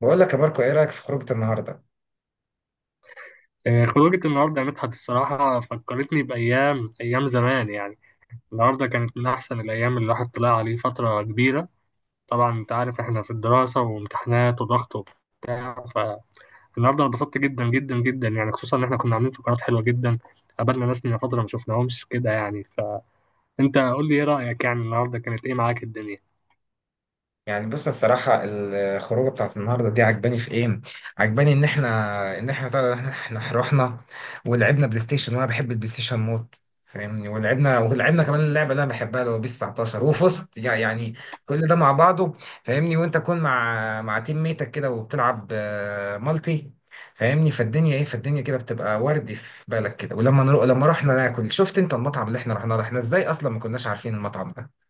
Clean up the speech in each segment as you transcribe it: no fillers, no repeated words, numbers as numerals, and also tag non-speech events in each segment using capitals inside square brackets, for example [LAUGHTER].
بقول لك يا ماركو ايه رايك في خروجه النهارده؟ خروجة النهاردة يا مدحت الصراحة فكرتني بأيام زمان يعني. النهاردة كانت من أحسن الأيام اللي الواحد طلع عليه فترة كبيرة. طبعا أنت عارف إحنا في الدراسة وامتحانات وضغط وبتاع، فالنهاردة أنا اتبسطت جدا يعني، خصوصا إن إحنا كنا عاملين فقرات حلوة جدا. قابلنا ناس من فترة ما شفناهمش كده يعني. فأنت قول لي إيه رأيك، يعني النهاردة كانت إيه معاك الدنيا؟ يعني بص الصراحه الخروجه بتاعت النهارده دي عجباني في ايه. عجباني ان احنا طلع ان احنا رحنا ولعبنا بلاي ستيشن، وانا بحب البلاي ستيشن موت. فاهمني؟ ولعبنا كمان اللعبه اللي انا بحبها اللي هو بيس 19، وفزت يعني. كل ده مع بعضه. فاهمني؟ وانت تكون مع تيم ميتك كده وبتلعب مالتي. فاهمني؟ فالدنيا ايه، فالدنيا كده بتبقى وردي في بالك كده. ولما نروح لما رحنا ناكل شفت انت المطعم اللي احنا رحنا له، احنا ازاي اصلا ما كناش عارفين المطعم ده؟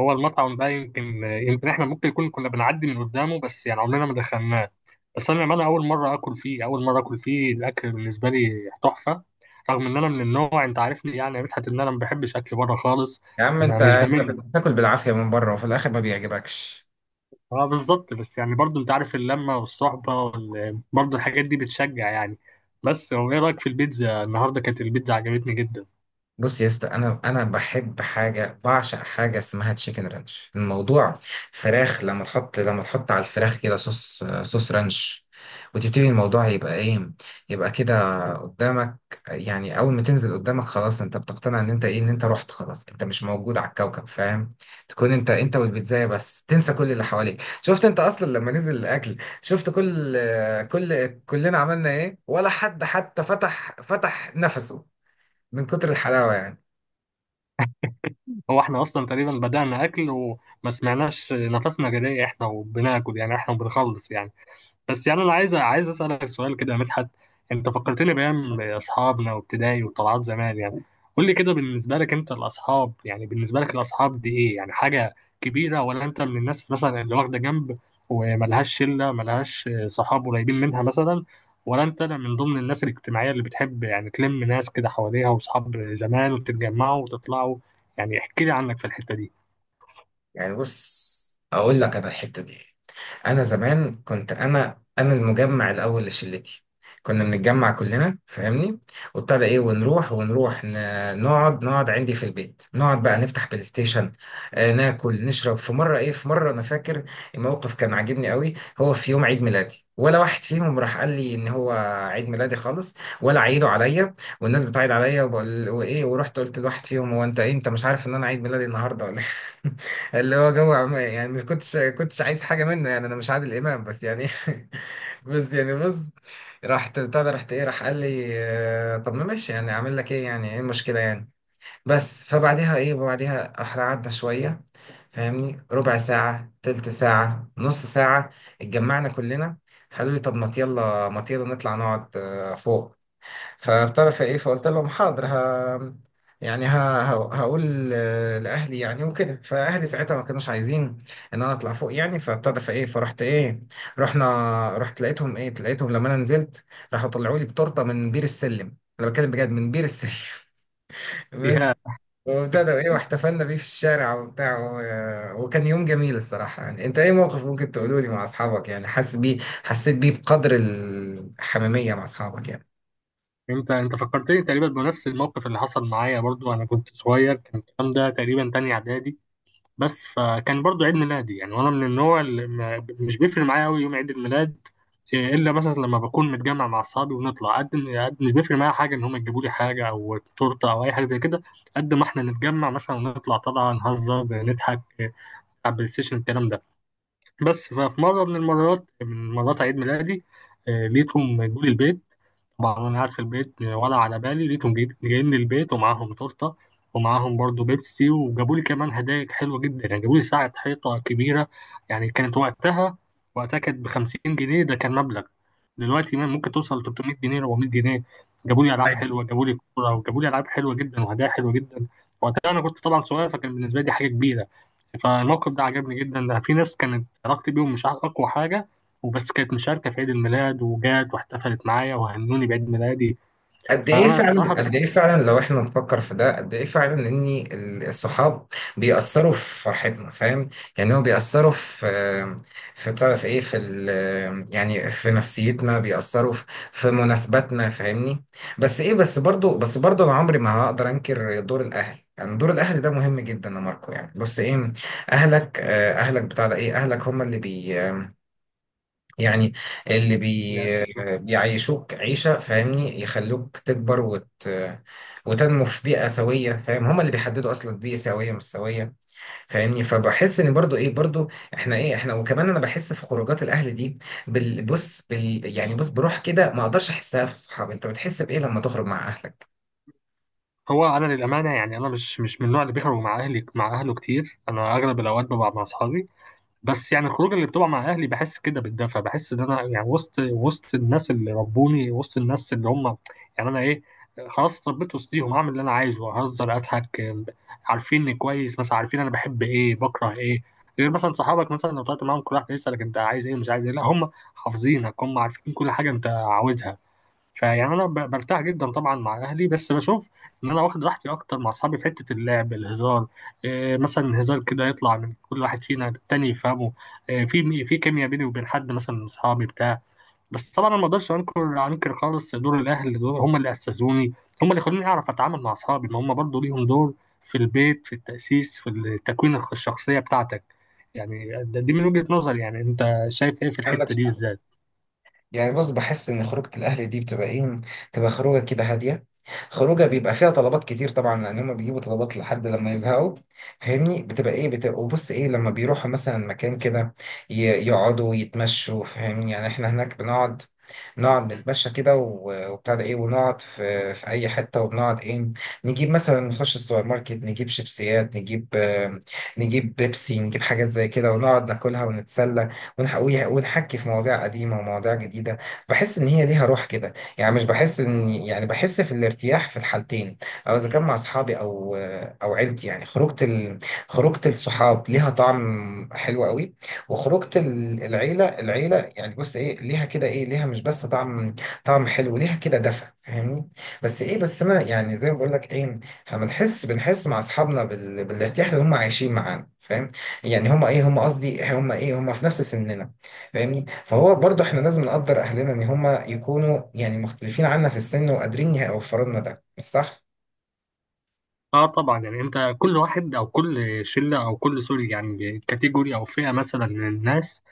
هو المطعم ده يمكن إحنا ممكن يكون كنا بنعدي من قدامه، بس يعني عمرنا ما دخلناه. بس انا للأمانة اول مره اكل فيه، الاكل بالنسبه لي تحفه. رغم ان انا من النوع، انت عارفني يعني يا مدحت، ان انا ما بحبش اكل بره خالص. يا عم انا انت مش انت بمل. بتاكل بالعافيه من بره وفي الاخر ما بيعجبكش. اه بالظبط. بس يعني برضه انت عارف، اللمه والصحبه برضه الحاجات دي بتشجع يعني. بس هو ايه رايك في البيتزا النهارده؟ كانت البيتزا عجبتني جدا. بص يا اسطى، انا بحب حاجه، بعشق حاجه اسمها تشيكن رانش. الموضوع فراخ، لما تحط على الفراخ كده صوص، رانش، وتبتدي الموضوع يبقى ايه، يبقى كده قدامك. يعني اول ما تنزل قدامك خلاص انت بتقتنع ان انت ايه، ان انت رحت، خلاص انت مش موجود على الكوكب. فاهم؟ تكون انت والبيتزايه بس، تنسى كل اللي حواليك. شفت انت اصلا لما نزل الاكل، شفت كل، كلنا عملنا ايه؟ ولا حد حتى فتح، نفسه من كتر الحلاوه يعني. هو احنا اصلا تقريبا بدانا اكل وما سمعناش نفسنا، جري احنا وبناكل يعني، احنا وبنخلص يعني. بس يعني انا عايز اسالك سؤال كده يا مدحت. انت فكرتني بايام اصحابنا وابتدائي وطلعات زمان يعني. قول لي كده، بالنسبه لك انت الاصحاب يعني، بالنسبه لك الاصحاب دي ايه يعني؟ حاجه كبيره، ولا انت من الناس مثلا اللي واخده جنب وملهاش شله، ملهاش صحاب قريبين منها مثلا؟ ولا انت من ضمن الناس الاجتماعيه اللي بتحب يعني تلم ناس كده حواليها واصحاب زمان وتتجمعوا وتطلعوا؟ يعني احكي لي عنك في الحته دي. يعني بص، اقول لك انا الحته دي، انا زمان كنت انا المجمع الاول لشلتي. كنا بنتجمع كلنا. فاهمني؟ وابتدى ايه، ونروح، نقعد، عندي في البيت، نقعد بقى نفتح بلاي ستيشن. آه ناكل نشرب. في مره ايه، في مره انا فاكر الموقف كان عاجبني قوي. هو في يوم عيد ميلادي ولا واحد فيهم راح قال لي ان هو عيد ميلادي خالص، ولا عيدوا عليا والناس بتعيد عليا، وبقول وايه. ورحت قلت لواحد فيهم: هو انت ايه، انت مش عارف ان انا عيد ميلادي النهارده ولا إيه؟ [LAUGHS] اللي هو جو يعني مش كنتش عايز حاجه منه. يعني انا مش عادل امام بس يعني [LAUGHS] بس يعني بص، رحت بتاع ده، رحت ايه، راح قال لي آه، طب ما ماشي، يعني اعمل لك ايه؟ يعني ايه المشكله يعني؟ بس فبعديها ايه، بعديها احنا قعدنا شويه. فاهمني؟ ربع ساعه، تلت ساعه، نص ساعه، اتجمعنا كلنا. قالوا لي: طب ما يلا، ما يلا نطلع نقعد فوق. فبتعرف ايه، فقلت لهم حاضر ها، يعني هقول لاهلي يعني، وكده. فاهلي ساعتها ما كانوش عايزين ان انا اطلع فوق. يعني فبتعرف ايه، فرحت ايه، رحت لقيتهم ايه، لقيتهم لما انا نزلت، راحوا طلعوا لي بتورته من بير السلم، انا بتكلم بجد من بير السلم [LAUGHS] ايه، بس وابتدى ايه، واحتفلنا بيه في الشارع وبتاع، وكان يوم جميل الصراحة. يعني انت ايه موقف ممكن تقوله لي مع اصحابك يعني حاسس بيه، حسيت بيه بقدر الحميمية مع اصحابك يعني؟ انت انت فكرتني تقريبا بنفس الموقف اللي حصل معايا برضو. انا كنت صغير، كان الكلام ده تقريبا تاني اعدادي. بس فكان برضو عيد ميلادي يعني، وانا من النوع اللي مش بيفرق معايا قوي يوم عيد الميلاد، الا مثلا لما بكون متجمع مع اصحابي ونطلع. قد مش بيفرق معايا حاجه ان هم يجيبوا لي حاجه او تورته او اي حاجه زي كده، قد ما احنا نتجمع مثلا ونطلع، طبعا نهزر نضحك على البلاي ستيشن الكلام ده. بس ففي مره من المرات من مرات عيد ميلادي، لقيتهم جولي البيت. طبعا انا قاعد في البيت ولا على بالي، لقيتهم جايين للبيت ومعاهم تورته، ومعاهم برضو بيبسي، وجابوا لي كمان هدايا حلوه جدا يعني. جابوا لي ساعه حيطه كبيره، يعني كانت وقتها، وقتها كانت ب 50 جنيه. ده كان مبلغ، دلوقتي ممكن توصل ل 300 جنيه، 400 جنيه. جابوا لي العاب حلوه، جابوا لي كوره، وجابوا لي العاب حلوه جدا وهدايا حلوه جدا. وقتها انا كنت طبعا صغير، فكان بالنسبه لي حاجه كبيره. فالموقف ده عجبني جدا. ده في ناس كانت علاقتي بيهم مش اقوى حاجه، وبس كانت مشاركة في عيد الميلاد وجات واحتفلت معايا وهنوني بعيد ميلادي. قد ايه فأنا الصراحة فعلا، قد بشوف. ايه فعلا لو احنا نفكر في ده، قد ايه فعلا ان الصحاب بيأثروا في فرحتنا. فاهم؟ يعني هو بيأثروا في، في بتاع ده، في ايه، في ال، يعني في نفسيتنا، بيأثروا في في مناسباتنا. فاهمني؟ بس برضو انا عمري ما هقدر انكر دور الاهل. يعني دور الاهل ده مهم جدا يا ماركو. يعني بص ايه، اهلك اهلك بتاع ده ايه، اهلك هم اللي بي، يعني اللي بيأسسني. بيعيشوك عيشة. فاهمني؟ يخلوك تكبر وتنمو في بيئة سوية. فاهم؟ هما اللي بيحددوا أصلا بيئة سوية مش سوية. فاهمني؟ فبحس إن برضو إيه، برضو إحنا إيه، إحنا وكمان أنا بحس في خروجات الأهل دي بص يعني بص بروح كده ما أقدرش أحسها في الصحاب. أنت بتحس بإيه لما تخرج مع أهلك؟ هو أنا للأمانة يعني أنا مش من النوع اللي بيخرج مع أهلي، مع أهله كتير. أنا أغلب الأوقات ببقى مع أصحابي. بس يعني الخروج اللي بتبقى مع اهلي بحس كده بالدفى، بحس ان انا يعني وسط، وسط الناس اللي ربوني، وسط الناس اللي هم يعني انا ايه، خلاص اتربيت وسطيهم. اعمل اللي انا عايزه، اهزر، اضحك. عارفيني كويس، مثلا عارفين انا بحب ايه، بكره ايه. غير مثلا صحابك، مثلا لو طلعت معاهم كل واحد يسالك انت عايز ايه، مش عايز ايه، لا هم حافظينك، هم عارفين كل حاجه انت عاوزها. فيعني انا برتاح جدا طبعا مع اهلي، بس بشوف ان انا واخد راحتي اكتر مع اصحابي في حته اللعب، الهزار. إيه، مثلا هزار كده يطلع من كل واحد فينا التاني يفهمه. إيه، في في كيمياء بيني وبين حد مثلا من اصحابي بتاع. بس طبعا انا ما اقدرش انكر خالص دور الاهل. دول هم اللي اسسوني، هم اللي خلوني اعرف اتعامل مع اصحابي، ما هم برضو ليهم دور في البيت، في التاسيس، في تكوين الشخصيه بتاعتك. يعني دي من وجهه نظري. يعني انت شايف ايه في الحته عندك دي بالذات؟ يعني بص، بحس ان خروجة الاهل دي بتبقى ايه، بتبقى خروجة كده هادية، خروجة بيبقى فيها طلبات كتير طبعا لان هم بيجيبوا طلبات لحد لما يزهقوا. فاهمني؟ بتبقى ايه، بتبقى وبص ايه، لما بيروحوا مثلا مكان كده ي- يقعدوا يتمشوا. فاهمني؟ يعني احنا هناك بنقعد، نتمشى كده وبتاع ده ايه، ونقعد في في اي حته، وبنقعد ايه، نجيب مثلا، نخش السوبر ماركت، نجيب شيبسيات، نجيب نجيب بيبسي، نجيب حاجات زي كده ونقعد ناكلها ونتسلى ونحكي في مواضيع قديمة ومواضيع جديدة. بحس إن هي ليها روح كده. يعني مش بحس إن يعني، بحس في الارتياح في الحالتين، أو إذا كان مع أصحابي أو أو عيلتي. يعني خروجة خروجة الصحاب ليها طعم حلو قوي، وخروجة العيلة، يعني بص إيه، ليها كده إيه، ليها مش بس طعم، طعم حلو، ليها كده دفى. فاهمني؟ بس إيه، بس أنا يعني زي ما بقول لك إيه، احنا بنحس، مع أصحابنا بالارتياح اللي هم عايشين معانا. فاهم؟ يعني هما ايه، هما قصدي هما ايه، هما في نفس سننا. فاهمني؟ فهو برضو احنا لازم نقدر اهلنا ان هما يكونوا يعني مختلفين عنا في السن وقادرين يوفروا لنا ده، مش صح؟ اه طبعا، يعني انت كل واحد او كل شله او كل سوري يعني، كاتيجوري او فئه مثلا من الناس،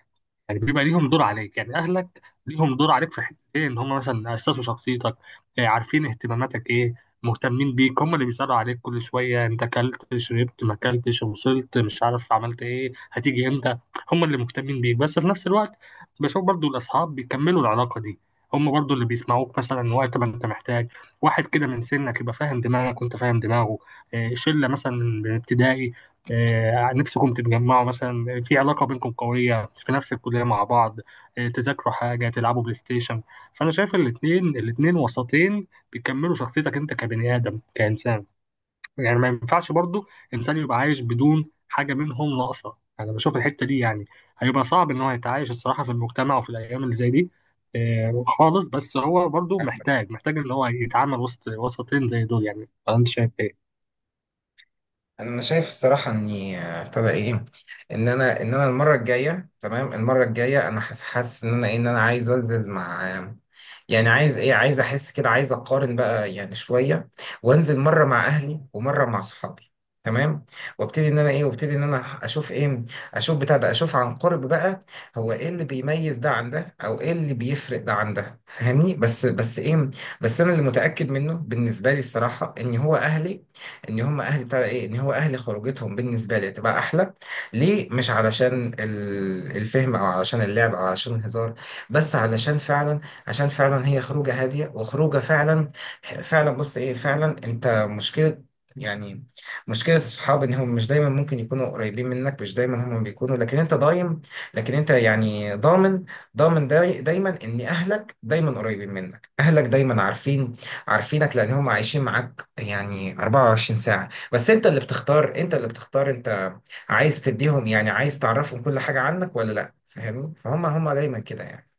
يعني بيبقى ليهم دور عليك. يعني اهلك ليهم دور عليك في حتتين، ان هم مثلا اسسوا شخصيتك، عارفين اهتماماتك ايه، مهتمين بيك، هم اللي بيسالوا عليك كل شويه انت اكلت، شربت، ما اكلتش، وصلت، مش عارف، عملت ايه، هتيجي امتى. هم اللي مهتمين بيك. بس في نفس الوقت بشوف برضو الاصحاب بيكملوا العلاقه دي. هم برضو اللي بيسمعوك مثلا وقت ما انت محتاج واحد كده من سنك يبقى فاهم دماغك وانت فاهم دماغه. شله مثلا من ابتدائي، نفسكم تتجمعوا مثلا في علاقة بينكم قوية، في نفس الكلية مع بعض، تذاكروا حاجة، تلعبوا بلاي ستيشن. فأنا شايف الاتنين وسطين بيكملوا شخصيتك أنت كبني آدم كإنسان. يعني ما ينفعش برضو إنسان يبقى عايش بدون حاجة منهم ناقصة. أنا بشوف الحتة دي يعني هيبقى صعب إن هو يتعايش الصراحة في المجتمع وفي الأيام اللي زي دي خالص. بس هو برضو محتاج إن هو يتعامل وسط وسطين زي دول. يعني أنت شايف إيه؟ انا شايف الصراحه اني ابتدى ايه، ان انا المره الجايه، تمام، المره الجايه انا حاسس ان انا ايه، ان انا عايز انزل مع يعني عايز ايه، عايز احس كده، عايز اقارن بقى يعني شويه، وانزل مره مع اهلي ومره مع صحابي، تمام. وابتدي ان انا ايه، وابتدي ان انا اشوف ايه، اشوف بتاع ده، اشوف عن قرب بقى، هو ايه اللي بيميز ده عن ده، او ايه اللي بيفرق ده عن ده. فاهمني؟ بس انا اللي متاكد منه بالنسبه لي الصراحه ان هو اهلي، ان هم اهل بتاع ايه، ان هو اهل خروجتهم بالنسبه لي تبقى احلى. ليه؟ مش علشان الفهم او علشان اللعب او علشان الهزار، بس علشان فعلا، عشان فعلا هي خروجه هاديه وخروجه فعلا فعلا. بص ايه، فعلا انت مشكله يعني، مشكلة الصحاب إن هم مش دايما ممكن يكونوا قريبين منك، مش دايما هم بيكونوا لكن أنت ضايم، لكن أنت يعني ضامن، دايما إن أهلك دايما قريبين منك، أهلك دايما عارفين، عارفينك لأن هم عايشين معاك يعني 24 ساعة. بس انت اللي بتختار، انت اللي بتختار انت عايز تديهم يعني، عايز تعرفهم كل حاجة عنك ولا لا. فاهمني؟ فهم هم دايما كده يعني.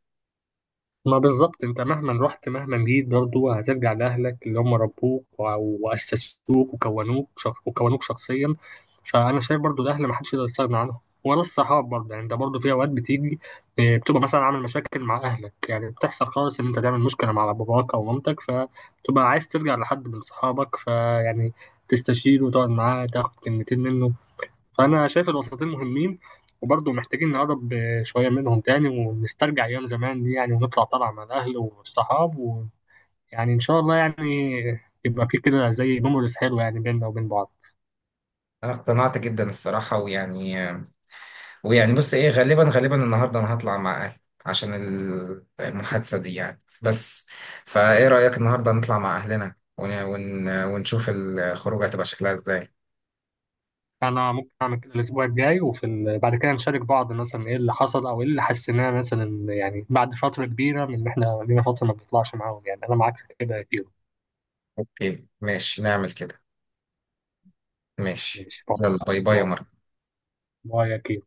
ما بالظبط، انت مهما رحت مهما جيت برضه هترجع لأهلك اللي هم ربوك وأسسوك وكونوك وكونوك شخصيا. فأنا شايف برضه الأهل ما حدش يقدر يستغنى عنهم، ولا الصحاب برضه. يعني انت برضه في أوقات بتيجي، اه، بتبقى مثلا عامل مشاكل مع أهلك، يعني بتحصل خالص إن انت تعمل مشكلة مع باباك أو مامتك، فبتبقى عايز ترجع لحد من صحابك، فيعني تستشيره وتقعد معاه تاخد كلمتين منه. فأنا شايف الوسطين مهمين، وبرضه محتاجين نقرب شوية منهم تاني ونسترجع أيام زمان دي يعني، ونطلع طلعة مع الأهل والصحاب، ويعني إن شاء الله يعني يبقى في كده زي ميموريز حلوة يعني بيننا وبين بعض. انا اقتنعت جدا الصراحة ويعني، ويعني بص ايه، غالبا النهاردة انا هطلع مع اهلي عشان المحادثة دي يعني بس. فايه رأيك النهاردة نطلع مع اهلنا ونشوف الخروج هتبقى شكلها ازاي؟ أنا ممكن أعمل كده الأسبوع الجاي، وفي بعد كده نشارك بعض مثلا إيه اللي حصل أو إيه اللي حسيناه مثلا، يعني بعد فترة كبيرة من إن إحنا لينا فترة ما بنطلعش معاهم يعني. أنا معاك في كده يا كيرو. اوكي ماشي، نعمل كده. ماشي، ماشي، باي يلا باي باي يا باي. مارك. باي يا كيرو.